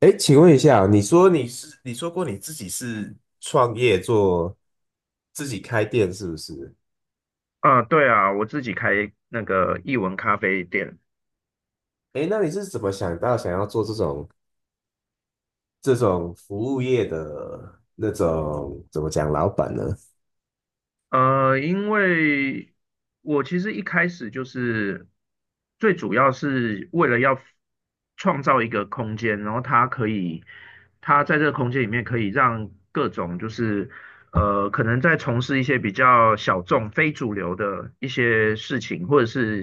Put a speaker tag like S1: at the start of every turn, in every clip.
S1: 哎，请问一下，你说过你自己是创业做自己开店是不是？
S2: 啊，对啊，我自己开那个译文咖啡店。
S1: 哎，那你是怎么想到想要做这种服务业的那种怎么讲老板呢？
S2: 因为我其实一开始就是最主要是为了要创造一个空间，然后他可以，他在这个空间里面可以让各种就是可能在从事一些比较小众、非主流的一些事情，或者是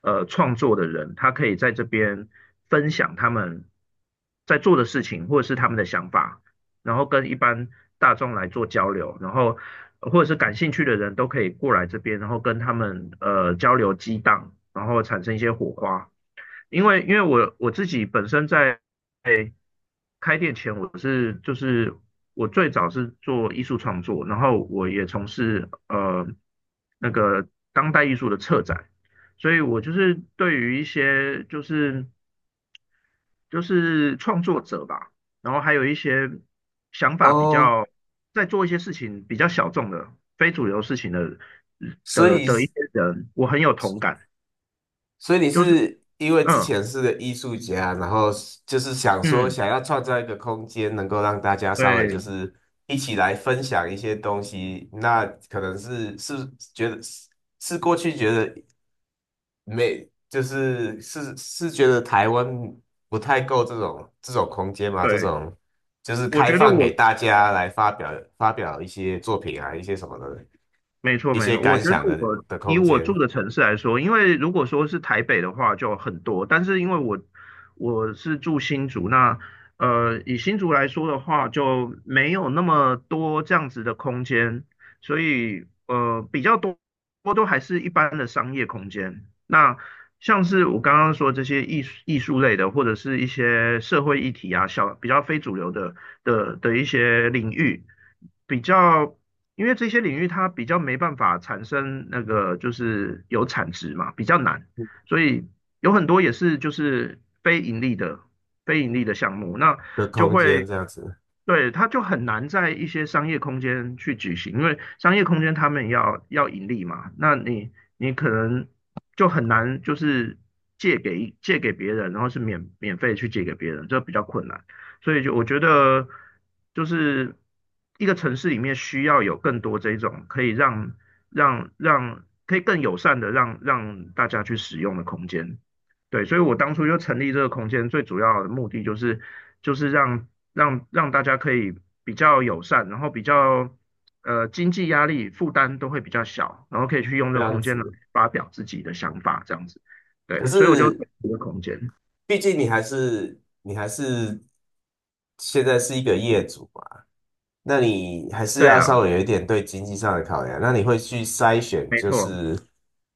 S2: 创作的人，他可以在这边分享他们在做的事情，或者是他们的想法。然后跟一般大众来做交流，然后或者是感兴趣的人都可以过来这边，然后跟他们交流激荡，然后产生一些火花。因为我自己本身在开店前，就是我最早是做艺术创作，然后我也从事那个当代艺术的策展，所以我就是对于一些就是创作者吧，然后还有一些想法比
S1: 哦，
S2: 较在做一些事情比较小众的、非主流事情的
S1: 所
S2: 的
S1: 以
S2: 的一些人，我很有同感。
S1: 所以你
S2: 就是
S1: 是因为之
S2: 嗯
S1: 前是个艺术家，然后就是想说
S2: 嗯，
S1: 想要创造一个空间，能够让大家稍微就
S2: 对
S1: 是一起来分享一些东西，那可能是觉得是过去觉得没，就是是觉得台湾不太够这种空间嘛，这
S2: 对，
S1: 种就是
S2: 我
S1: 开
S2: 觉得
S1: 放
S2: 我
S1: 给大家来发表一些作品啊，一些什么的，
S2: 没错，
S1: 一
S2: 没
S1: 些
S2: 错。我
S1: 感
S2: 觉得
S1: 想的
S2: 我
S1: 的
S2: 以
S1: 空
S2: 我
S1: 间
S2: 住的城市来说，因为如果说是台北的话就很多，但是因为我是住新竹，那以新竹来说的话，就没有那么多这样子的空间，所以比较多都还是一般的商业空间。那像是我刚刚说这些艺术类的，或者是一些社会议题啊，比较非主流的一些领域。比较因为这些领域它比较没办法产生那个就是有产值嘛，比较难，所以有很多也是就是非盈利的项目，那就会
S1: 这样子
S2: 对它就很难在一些商业空间去举行，因为商业空间他们要盈利嘛，那你可能就很难就是借给别人，然后是免费去借给别人，这比较困难。所以就我觉得，就是一个城市里面需要有更多这种可以让可以更友善的让大家去使用的空间。对，所以我当初就成立这个空间，最主要的目的就是让大家可以比较友善，然后比较经济压力负担都会比较小，然后可以去用
S1: 这
S2: 这个
S1: 样
S2: 空间来
S1: 子。
S2: 发表自己的想法，这样子。
S1: 可
S2: 对，所以我就成
S1: 是
S2: 立这个空间。
S1: 毕竟你还是现在是一个业主嘛。那你还是
S2: 对
S1: 要
S2: 啊，
S1: 稍微有一点对经济上的考量。那你会去筛选，
S2: 没
S1: 就
S2: 错。
S1: 是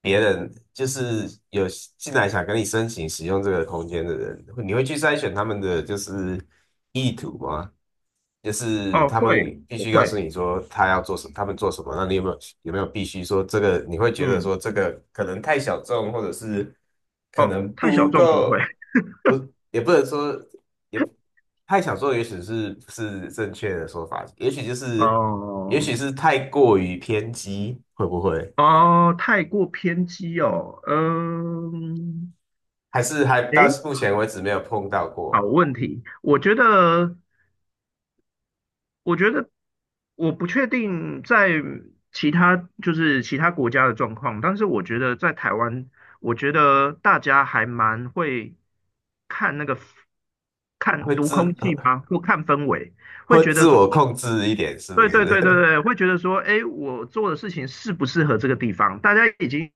S1: 别人就是有进来想跟你申请使用这个空间的人，你会去筛选他们的就是意图吗？就是
S2: 哦，
S1: 他
S2: 会，
S1: 们必
S2: 我
S1: 须告诉
S2: 会。
S1: 你说他要做什么，他们做什么，那你有没有必须说这个？你会觉得
S2: 嗯，
S1: 说这个可能太小众，或者是可
S2: 哦，
S1: 能
S2: 太小
S1: 不
S2: 众不
S1: 够，
S2: 会，
S1: 不也不能说也太小众，也许是不是正确的说法，也
S2: 哦
S1: 许是太过于偏激，会不会？
S2: 哦，太过偏激哦，嗯，
S1: 还到
S2: 诶，
S1: 目前为止没有碰到
S2: 好
S1: 过，
S2: 问题，我觉得，我觉得我不确定在其他国家的状况，但是我觉得在台湾，我觉得大家还蛮会看那个看
S1: 会
S2: 读
S1: 自
S2: 空气吗？或看氛围，会
S1: 会
S2: 觉得
S1: 自
S2: 说，
S1: 我控制一点，是不
S2: 对对对对
S1: 是？
S2: 对，会觉得说，哎，我做的事情适不适合这个地方？大家已经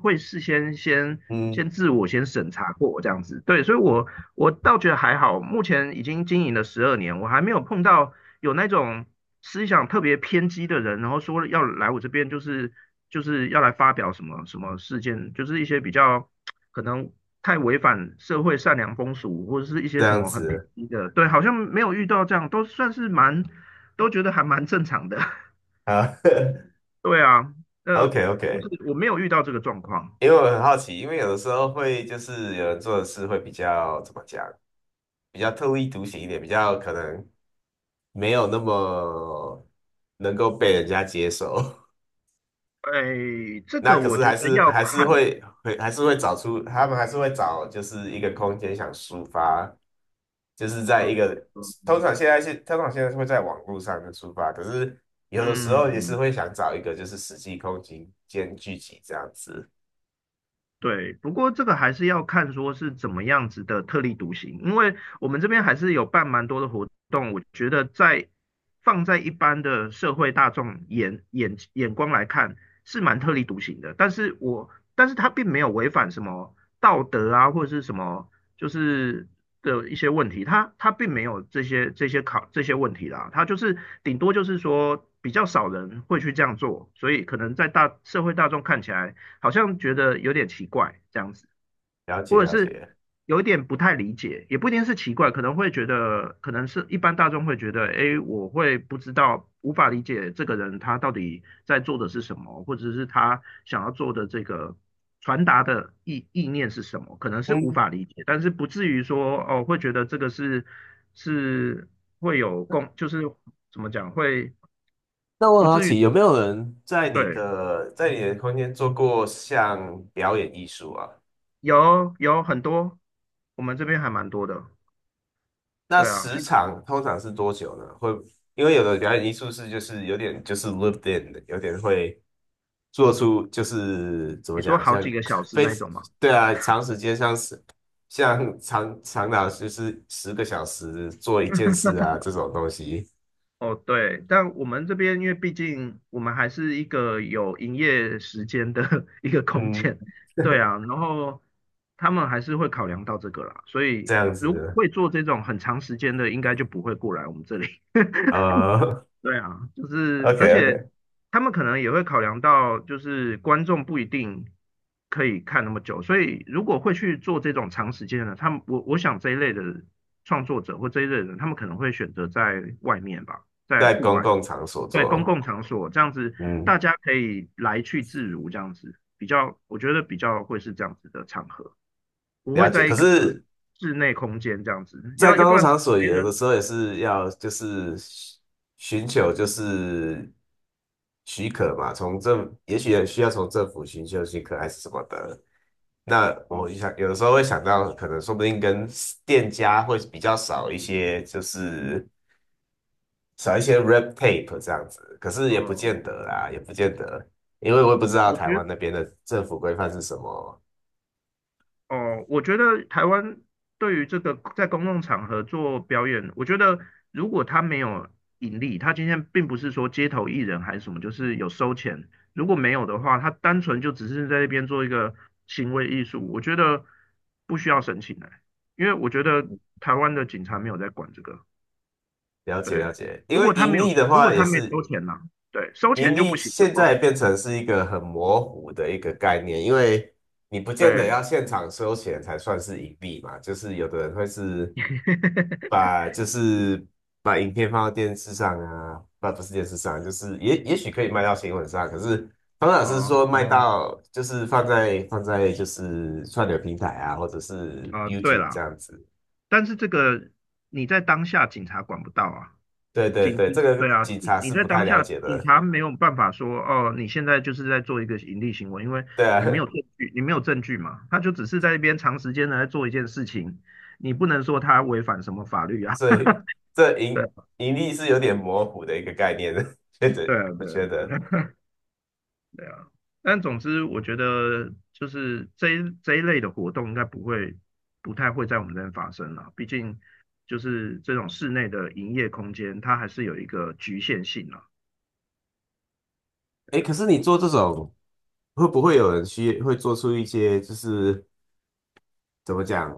S2: 会事先先
S1: 嗯，
S2: 先自我先审查过这样子，对，所以我倒觉得还好，目前已经经营了12年，我还没有碰到有那种思想特别偏激的人，然后说要来我这边就是要来发表什么什么事件，就是一些比较可能太违反社会善良风俗，或者是一
S1: 这
S2: 些什
S1: 样
S2: 么很偏
S1: 子
S2: 激的，对，好像没有遇到这样，都算是蛮。都觉得还蛮正常的。
S1: 啊。
S2: 对啊，呃，
S1: OK
S2: 就
S1: OK,
S2: 是我没有遇到这个状况。
S1: 因为我很好奇，因为有的时候会就是有人做的事会比较怎么讲，比较特立独行一点，比较可能没有那么能够被人家接受。
S2: 哎，这
S1: 那
S2: 个
S1: 可
S2: 我
S1: 是
S2: 觉
S1: 还
S2: 得
S1: 是
S2: 要
S1: 还是
S2: 看，
S1: 会还是会找出他们还是会找就是一个空间想抒发，就是在
S2: 呃
S1: 一个通
S2: 嗯。
S1: 常现在是通常现在是会在网络上面抒发，可是有的时候也是
S2: 嗯，
S1: 会想找一个就是实际空间聚集这样子。
S2: 对，不过这个还是要看说是怎么样子的特立独行，因为我们这边还是有办蛮多的活动，我觉得在放在一般的社会大众眼光来看是蛮特立独行的，但是他并没有违反什么道德啊或者是什么就是的一些问题，他并没有这些问题啦，他就是顶多就是说比较少人会去这样做，所以可能在大社会大众看起来，好像觉得有点奇怪这样子，
S1: 了
S2: 或
S1: 解
S2: 者
S1: 了
S2: 是
S1: 解。
S2: 有一点不太理解，也不一定是奇怪，可能会觉得，可能是一般大众会觉得，哎，我会不知道，无法理解这个人他到底在做的是什么，或者是他想要做的这个传达的意念是什么，可能是无
S1: 嗯。
S2: 法理解，但是不至于说哦，会觉得这个是会有共，就是怎么讲，会
S1: 那我
S2: 不
S1: 很好
S2: 至于，
S1: 奇，有没有人在你
S2: 对，
S1: 的在你的空间做过像表演艺术啊？
S2: 有很多，我们这边还蛮多的。
S1: 那
S2: 对啊，
S1: 时
S2: 像
S1: 长通常是多久呢？会，因为有的表演艺术就是有点就是 lived in 的，有点会做出就是怎么
S2: 你说
S1: 讲，
S2: 好
S1: 像
S2: 几个小时
S1: 非
S2: 那种嘛。
S1: 对啊，长时间像长达就是10个小时做一件事啊这种东西，
S2: 哦，对，但我们这边因为毕竟我们还是一个有营业时间的 一个空
S1: 嗯，
S2: 间，对啊，然后他们还是会考量到这个啦，所
S1: 这
S2: 以
S1: 样
S2: 如果
S1: 子，
S2: 会做这种很长时间的，应该就不会过来我们这里。
S1: 呃
S2: 对啊，就
S1: o
S2: 是
S1: k
S2: 而
S1: o k
S2: 且他们可能也会考量到，就是观众不一定可以看那么久，所以如果会去做这种长时间的，他们我我想这一类的创作者或这一类的人，他们可能会选择在外面吧，在
S1: 在
S2: 户
S1: 公
S2: 外，
S1: 共场所
S2: 对，公
S1: 做，
S2: 共场所这样子，
S1: 嗯。
S2: 大家可以来去自如，这样子比较，我觉得比较会是这样子的场合，不会
S1: 了解，
S2: 在一
S1: 可
S2: 个
S1: 是
S2: 室内空间这样子，
S1: 在
S2: 要
S1: 公
S2: 要不
S1: 共
S2: 然
S1: 场所
S2: 没
S1: 有的
S2: 人
S1: 时候也是要就是寻求就是许可嘛，也许也需要从政府寻求许可还是什么的。那我
S2: 哦
S1: 想有的时候会想到，可能说不定跟店家会比较少一些，就是少一些 red tape 这样子。可是也不
S2: 哦。
S1: 见得啦，也不见得，因为我也不知道
S2: 我觉
S1: 台湾
S2: 得。
S1: 那边的政府规范是什么。
S2: 哦，我觉得台湾对于这个在公共场合做表演，我觉得如果他没有盈利，他今天并不是说街头艺人还是什么，就是有收钱。如果没有的话，他单纯就只是在那边做一个行为艺术，我觉得不需要申请的，因为我觉得台湾的警察没有在管这个。
S1: 了解
S2: 对，
S1: 了解，因为
S2: 如果他没收钱呢、对，收
S1: 盈
S2: 钱就
S1: 利
S2: 不行。
S1: 现在变成是一个很模糊的一个概念，因为你不见得
S2: 对，
S1: 要现场收钱才算是盈利嘛，就是有的人会是 把就是把影片放到电视上啊，不是电视上，就是也许可以卖到新闻上，可是方老师
S2: 哦
S1: 说卖
S2: 哦
S1: 到就是放在就是串流平台啊，或者是
S2: 啊，对
S1: YouTube 这
S2: 啦。
S1: 样子，
S2: 但是这个你在当下警察管不到啊，
S1: 对对
S2: 警
S1: 对，这个
S2: 对啊，
S1: 警
S2: 你
S1: 察
S2: 你
S1: 是
S2: 在
S1: 不太
S2: 当
S1: 了
S2: 下
S1: 解
S2: 警
S1: 的，
S2: 察没有办法说哦，你现在就是在做一个盈利行为，因为
S1: 对啊，
S2: 你没有证据嘛，他就只是在那边长时间的在做一件事情，你不能说他违反什么法律啊，
S1: 所 以这
S2: 对
S1: 盈
S2: 啊
S1: 盈利是有点模糊的一个概念的，
S2: 对啊
S1: 我
S2: 对啊
S1: 觉得。
S2: 对啊对啊，但总之我觉得就是这一类的活动应该不太会在我们这边发生了，毕竟就是这种室内的营业空间，它还是有一个局限性啊。
S1: 哎，可是你做这种，会不会有人会做出一些就是怎么讲，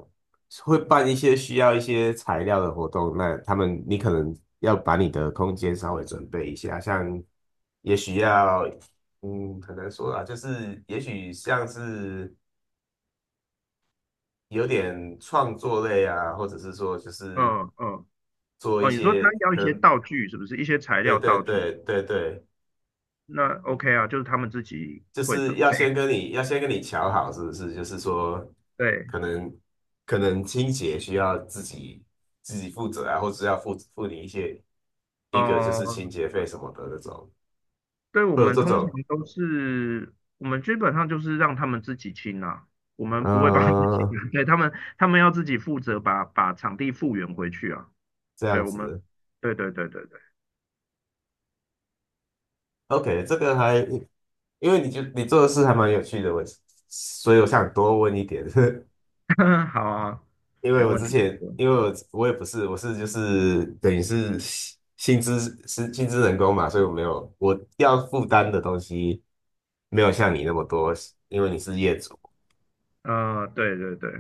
S1: 会办一些需要一些材料的活动？那你可能要把你的空间稍微准备一下，像也许要，很难说啊，就是也许像是有点创作类啊，或者是说就是
S2: 嗯嗯，
S1: 做一
S2: 哦，你说他
S1: 些
S2: 要一
S1: 可
S2: 些
S1: 能，
S2: 道具是不是？一些材
S1: 对
S2: 料
S1: 对
S2: 道具，
S1: 对对对。
S2: 那 OK 啊，就是他们自己
S1: 就
S2: 会
S1: 是
S2: 准备。
S1: 要先跟你瞧好，是不是？就是说，
S2: 对，
S1: 可能可能清洁需要自己负责啊，或者是要付你一个就是清
S2: 哦、
S1: 洁费什么的那种，
S2: 对，我
S1: 会有
S2: 们
S1: 这
S2: 通常
S1: 种
S2: 都是，我们基本上就是让他们自己清啊，我们不会帮他己们清
S1: 嗯
S2: 啊，对，他们要自己负责把场地复原回去啊。
S1: 这
S2: 对，
S1: 样
S2: 我
S1: 子
S2: 们，
S1: 的。
S2: 对对对对对，
S1: OK,这个还因为你做的事还蛮有趣的，所以我想多问一点。
S2: 好啊，
S1: 因为
S2: 没
S1: 我
S2: 问
S1: 之
S2: 题。
S1: 前，因为我也不是，我是就是等于是薪资是薪资人工嘛，所以我没有我要负担的东西没有像你那么多，因为你是业主，
S2: 嗯，对对对，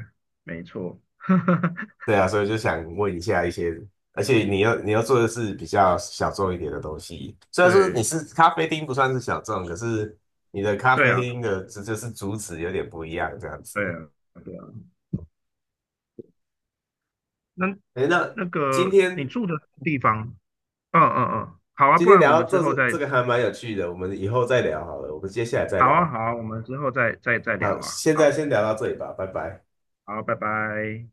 S2: 没错，
S1: 对啊，所以就想问一下一些，而且你要做的是比较小众一点的东西，虽然说你
S2: 对
S1: 是咖啡厅不算是小众，可是你的咖
S2: 对
S1: 啡
S2: 啊，
S1: 厅的这就是主旨有点不一样这样
S2: 对
S1: 子。
S2: 啊，对啊。那
S1: 哎，那
S2: 那
S1: 今
S2: 个你
S1: 天
S2: 住的地方，嗯嗯嗯，好啊，
S1: 今
S2: 不
S1: 天
S2: 然我
S1: 聊
S2: 们
S1: 到
S2: 之后
S1: 这
S2: 再，
S1: 这个还蛮有趣的，我们以后再聊好了，我们接下来再
S2: 好啊
S1: 聊。
S2: 好啊，我们之后再聊
S1: 好，
S2: 啊，
S1: 现
S2: 好，
S1: 在先聊到这里吧，拜拜。
S2: 好，拜拜。